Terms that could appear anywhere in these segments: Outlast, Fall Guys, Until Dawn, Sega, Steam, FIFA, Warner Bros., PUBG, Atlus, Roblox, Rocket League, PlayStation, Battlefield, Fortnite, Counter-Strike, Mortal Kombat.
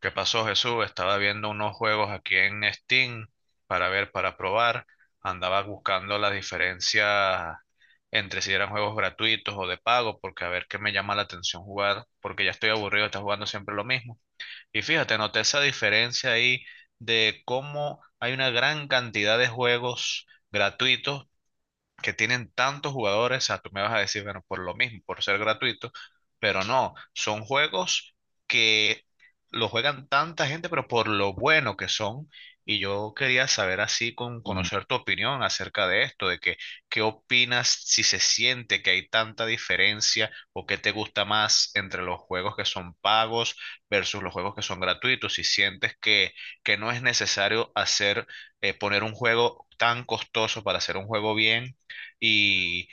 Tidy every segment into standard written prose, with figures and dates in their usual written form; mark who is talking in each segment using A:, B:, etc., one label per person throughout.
A: ¿Qué pasó, Jesús? Estaba viendo unos juegos aquí en Steam para ver, para probar. Andaba buscando las diferencias entre si eran juegos gratuitos o de pago, porque a ver qué me llama la atención jugar, porque ya estoy aburrido de estar jugando siempre lo mismo. Y fíjate, noté esa diferencia ahí de cómo hay una gran cantidad de juegos gratuitos que tienen tantos jugadores, o sea, tú me vas a decir, bueno, por lo mismo, por ser gratuito, pero no, son juegos que lo juegan tanta gente, pero por lo bueno que son. Y yo quería saber así, con
B: Mm,
A: conocer tu opinión acerca de esto, de que, qué opinas si se siente que hay tanta diferencia o qué te gusta más entre los juegos que son pagos versus los juegos que son gratuitos, si sientes que no es necesario hacer, poner un juego tan costoso para hacer un juego bien y,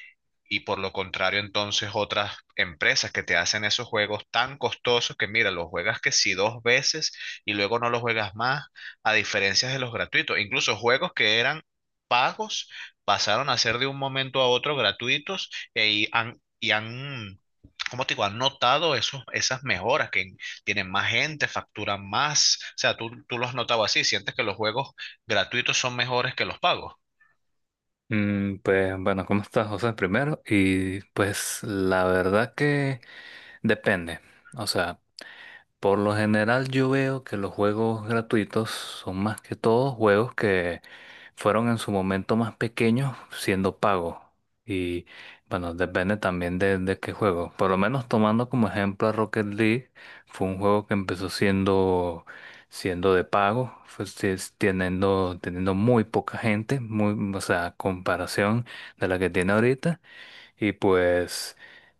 A: y por lo contrario, entonces otras empresas que te hacen esos juegos tan costosos que mira, los juegas que si dos veces y luego no los juegas más, a diferencia de los gratuitos. Incluso juegos que eran pagos pasaron a ser de un momento a otro gratuitos y han, ¿cómo te digo? Han notado esos, esas mejoras que tienen más gente, facturan más. O sea, tú lo has notado así, sientes que los juegos gratuitos son mejores que los pagos.
B: Pues bueno, ¿cómo estás, José? Primero. Y pues la verdad que depende. O sea, por lo general yo veo que los juegos gratuitos son más que todo juegos que fueron en su momento más pequeños siendo pagos. Y bueno, depende también de qué juego. Por lo menos tomando como ejemplo a Rocket League, fue un juego que empezó siendo de pago, fue si- es- teniendo, teniendo muy poca gente, muy, o sea, comparación de la que tiene ahorita. Y pues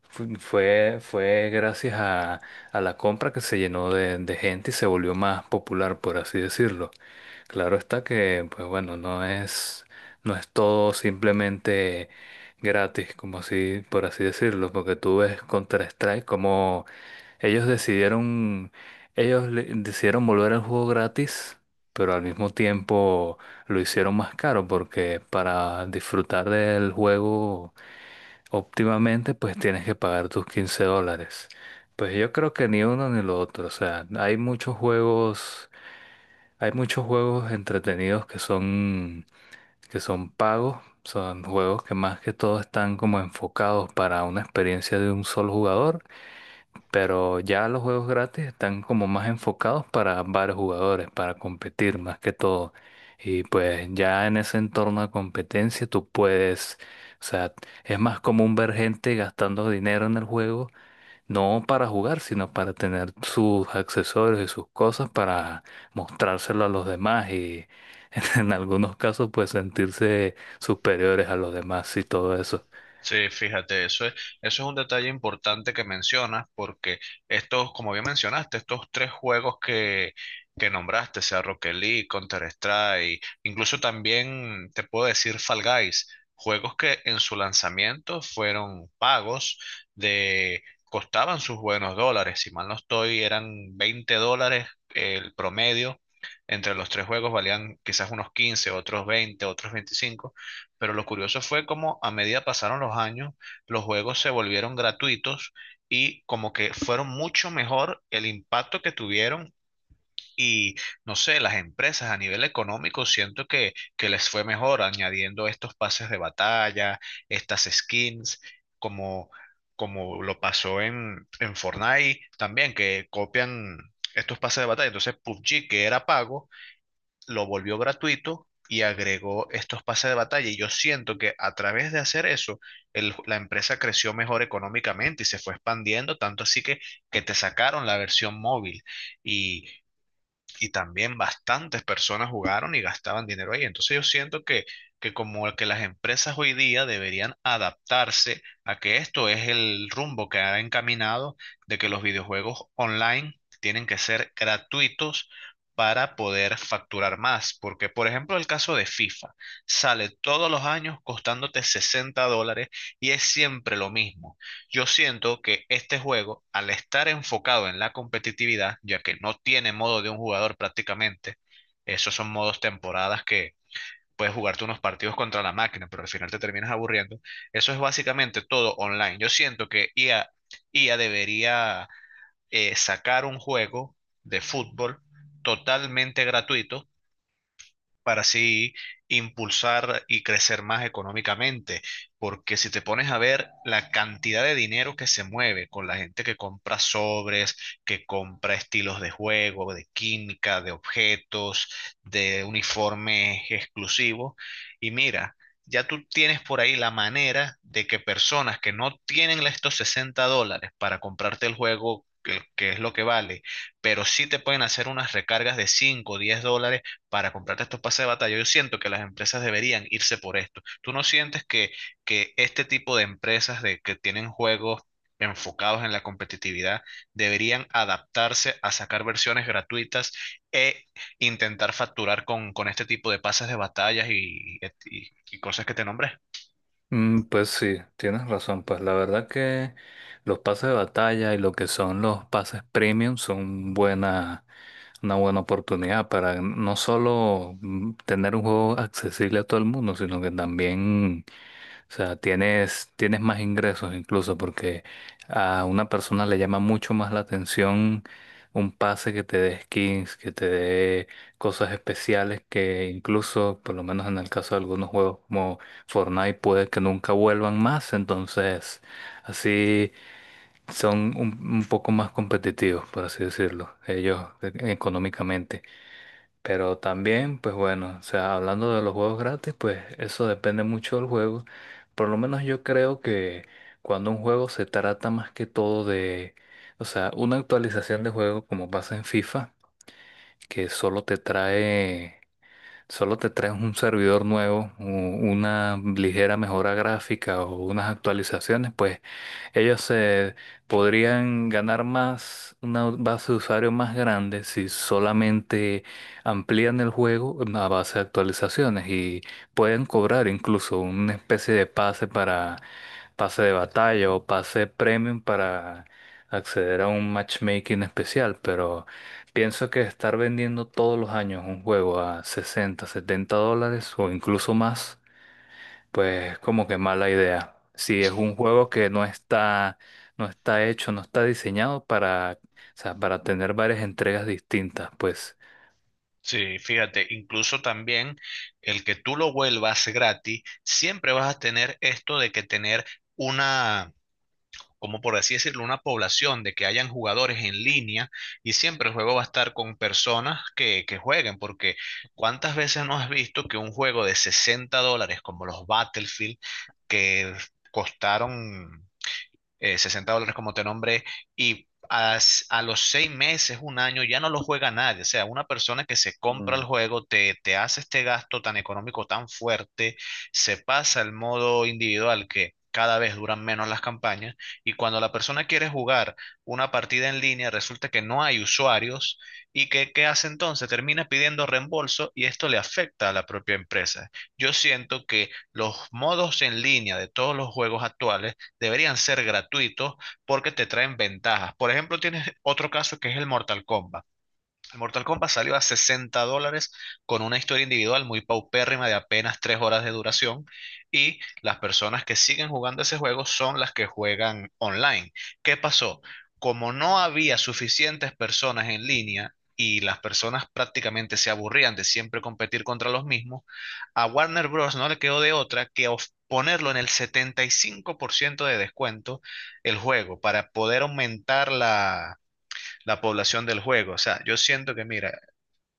B: fue gracias a la compra que se llenó de gente y se volvió más popular, por así decirlo. Claro está que, pues bueno, no es todo simplemente gratis, como así, por así decirlo, porque tú ves Counter-Strike como ellos decidieron, ellos le- decidieron volver al juego gratis, pero al mismo tiempo lo hicieron más caro, porque para disfrutar del juego óptimamente pues tienes que pagar tus 15 dólares. Pues yo creo que ni uno ni lo otro. O sea, hay muchos juegos entretenidos que son pagos. Son juegos que más que todo están como enfocados para una experiencia de un solo jugador. Pero ya los juegos gratis están como más enfocados para varios jugadores, para competir más que todo. Y pues ya en ese entorno de competencia tú puedes, o sea, es más común ver gente gastando dinero en el juego, no para jugar, sino para tener sus accesorios y sus cosas para mostrárselo a los demás y en algunos casos pues sentirse superiores a los demás y todo eso.
A: Sí, fíjate, eso es un detalle importante que mencionas, porque estos, como bien mencionaste, estos tres juegos que nombraste, sea Rocket League, Counter-Strike, incluso también te puedo decir Fall Guys, juegos que en su lanzamiento fueron pagos de, costaban sus buenos dólares, si mal no estoy, eran $20 el promedio, entre los tres juegos valían quizás unos 15, otros 20, otros 25. Pero lo curioso fue como a medida pasaron los años, los juegos se volvieron gratuitos y como que fueron mucho mejor el impacto que tuvieron y no sé, las empresas a nivel económico siento que les fue mejor añadiendo estos pases de batalla, estas skins, como, como lo pasó en Fortnite también, que copian estos pases de batalla. Entonces PUBG, que era pago, lo volvió gratuito y agregó estos pases de batalla. Y yo siento que a través de hacer eso, la empresa creció mejor económicamente y se fue expandiendo, tanto así que te sacaron la versión móvil. Y y también bastantes personas jugaron y gastaban dinero ahí. Entonces yo siento que como que las empresas hoy día deberían adaptarse a que esto es el rumbo que ha encaminado de que los videojuegos online tienen que ser gratuitos para poder facturar más. Porque, por ejemplo, el caso de FIFA sale todos los años costándote $60 y es siempre lo mismo. Yo siento que este juego, al estar enfocado en la competitividad, ya que no tiene modo de un jugador prácticamente, esos son modos temporadas que puedes jugarte unos partidos contra la máquina, pero al final te terminas aburriendo. Eso es básicamente todo online. Yo siento que IA debería sacar un juego de fútbol totalmente gratuito para así impulsar y crecer más económicamente. Porque si te pones a ver la cantidad de dinero que se mueve con la gente que compra sobres, que compra estilos de juego, de química, de objetos, de uniformes exclusivos, y mira, ya tú tienes por ahí la manera de que personas que no tienen estos $60 para comprarte el juego, que es lo que vale, pero sí te pueden hacer unas recargas de 5, o $10 para comprarte estos pases de batalla. Yo siento que las empresas deberían irse por esto. ¿Tú no sientes que este tipo de empresas que tienen juegos enfocados en la competitividad deberían adaptarse a sacar versiones gratuitas e intentar facturar con este tipo de pases de batallas y cosas que te nombré?
B: Pues sí, tienes razón. Pues la verdad que los pases de batalla y lo que son los pases premium una buena oportunidad para no solo tener un juego accesible a todo el mundo, sino que también, o sea, tienes más ingresos, incluso porque a una persona le llama mucho más la atención un pase que te dé skins, que te dé cosas especiales que incluso, por lo menos en el caso de algunos juegos como Fortnite, puede que nunca vuelvan más. Entonces, así son un poco más competitivos, por así decirlo, ellos económicamente. Pero también, pues bueno, o sea, hablando de los juegos gratis, pues eso depende mucho del juego. Por lo menos yo creo que cuando un juego se trata más que todo de, o sea, una actualización de juego como pasa en FIFA, que solo te trae un servidor nuevo, una ligera mejora gráfica o unas actualizaciones, pues ellos podrían ganar más, una base de usuarios más grande, si solamente amplían el juego a base de actualizaciones y pueden cobrar incluso una especie de pase para pase de batalla o pase premium, para acceder a un matchmaking especial. Pero pienso que estar vendiendo todos los años un juego a 60, 70 dólares o incluso más pues como que mala idea. Si es un juego que no está hecho, no está diseñado para, o sea, para tener varias entregas distintas, pues,
A: Sí, fíjate, incluso también el que tú lo vuelvas gratis, siempre vas a tener esto de que tener como por así decirlo, una población de que hayan jugadores en línea y siempre el juego va a estar con personas que jueguen, porque ¿cuántas veces no has visto que un juego de $60 como los Battlefield, que costaron $60 como te nombré, y a, los 6 meses, un año, ya no lo juega nadie. O sea, una persona que se compra el
B: Mm,
A: juego, te hace este gasto tan económico, tan fuerte, se pasa al modo individual que cada vez duran menos las campañas y cuando la persona quiere jugar una partida en línea resulta que no hay usuarios y que qué hace entonces termina pidiendo reembolso y esto le afecta a la propia empresa. Yo siento que los modos en línea de todos los juegos actuales deberían ser gratuitos porque te traen ventajas. Por ejemplo, tienes otro caso que es el Mortal Kombat. Mortal Kombat salió a $60 con una historia individual muy paupérrima de apenas 3 horas de duración y las personas que siguen jugando ese juego son las que juegan online. ¿Qué pasó? Como no había suficientes personas en línea y las personas prácticamente se aburrían de siempre competir contra los mismos, a Warner Bros. No le quedó de otra que ponerlo en el 75% de descuento el juego para poder aumentar la población del juego. O sea, yo siento que, mira,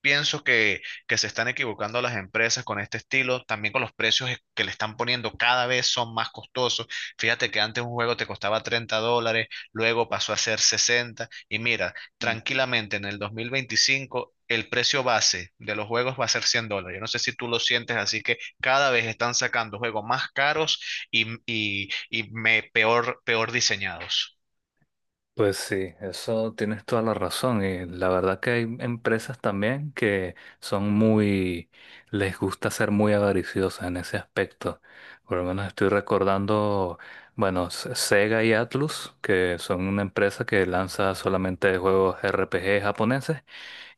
A: pienso que se están equivocando las empresas con este estilo, también con los precios que le están poniendo cada vez son más costosos. Fíjate que antes un juego te costaba $30, luego pasó a ser 60, y mira, tranquilamente en el 2025 el precio base de los juegos va a ser $100. Yo no sé si tú lo sientes, así que cada vez están sacando juegos más caros y peor diseñados.
B: pues sí, eso tienes toda la razón. Y la verdad que hay empresas también que son muy, les gusta ser muy avariciosas en ese aspecto. Por lo menos estoy recordando, bueno, Sega y Atlus, que son una empresa que lanza solamente juegos RPG japoneses.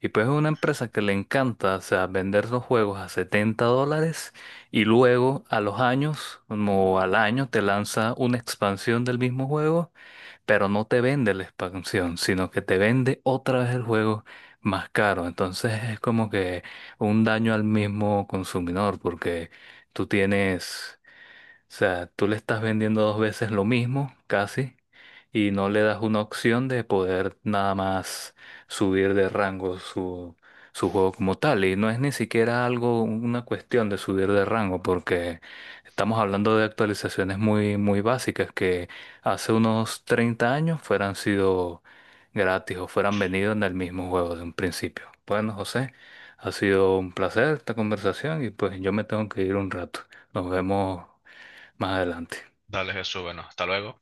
B: Y pues es una empresa que le encanta, o sea, vender los juegos a 70 dólares y luego a los años, como al año, te lanza una expansión del mismo juego, pero no te vende la expansión, sino que te vende otra vez el juego más caro. Entonces es como que un daño al mismo consumidor, porque tú tienes, o sea, tú le estás vendiendo dos veces lo mismo, casi, y no le das una opción de poder nada más subir de rango su juego como tal. Y no es ni siquiera algo, una cuestión de subir de rango, porque estamos hablando de actualizaciones muy, muy básicas que hace unos 30 años fueran sido gratis o fueran venido en el mismo juego de un principio. Bueno, José, ha sido un placer esta conversación y pues yo me tengo que ir un rato. Nos vemos más adelante.
A: Dale, Jesús, bueno, hasta luego.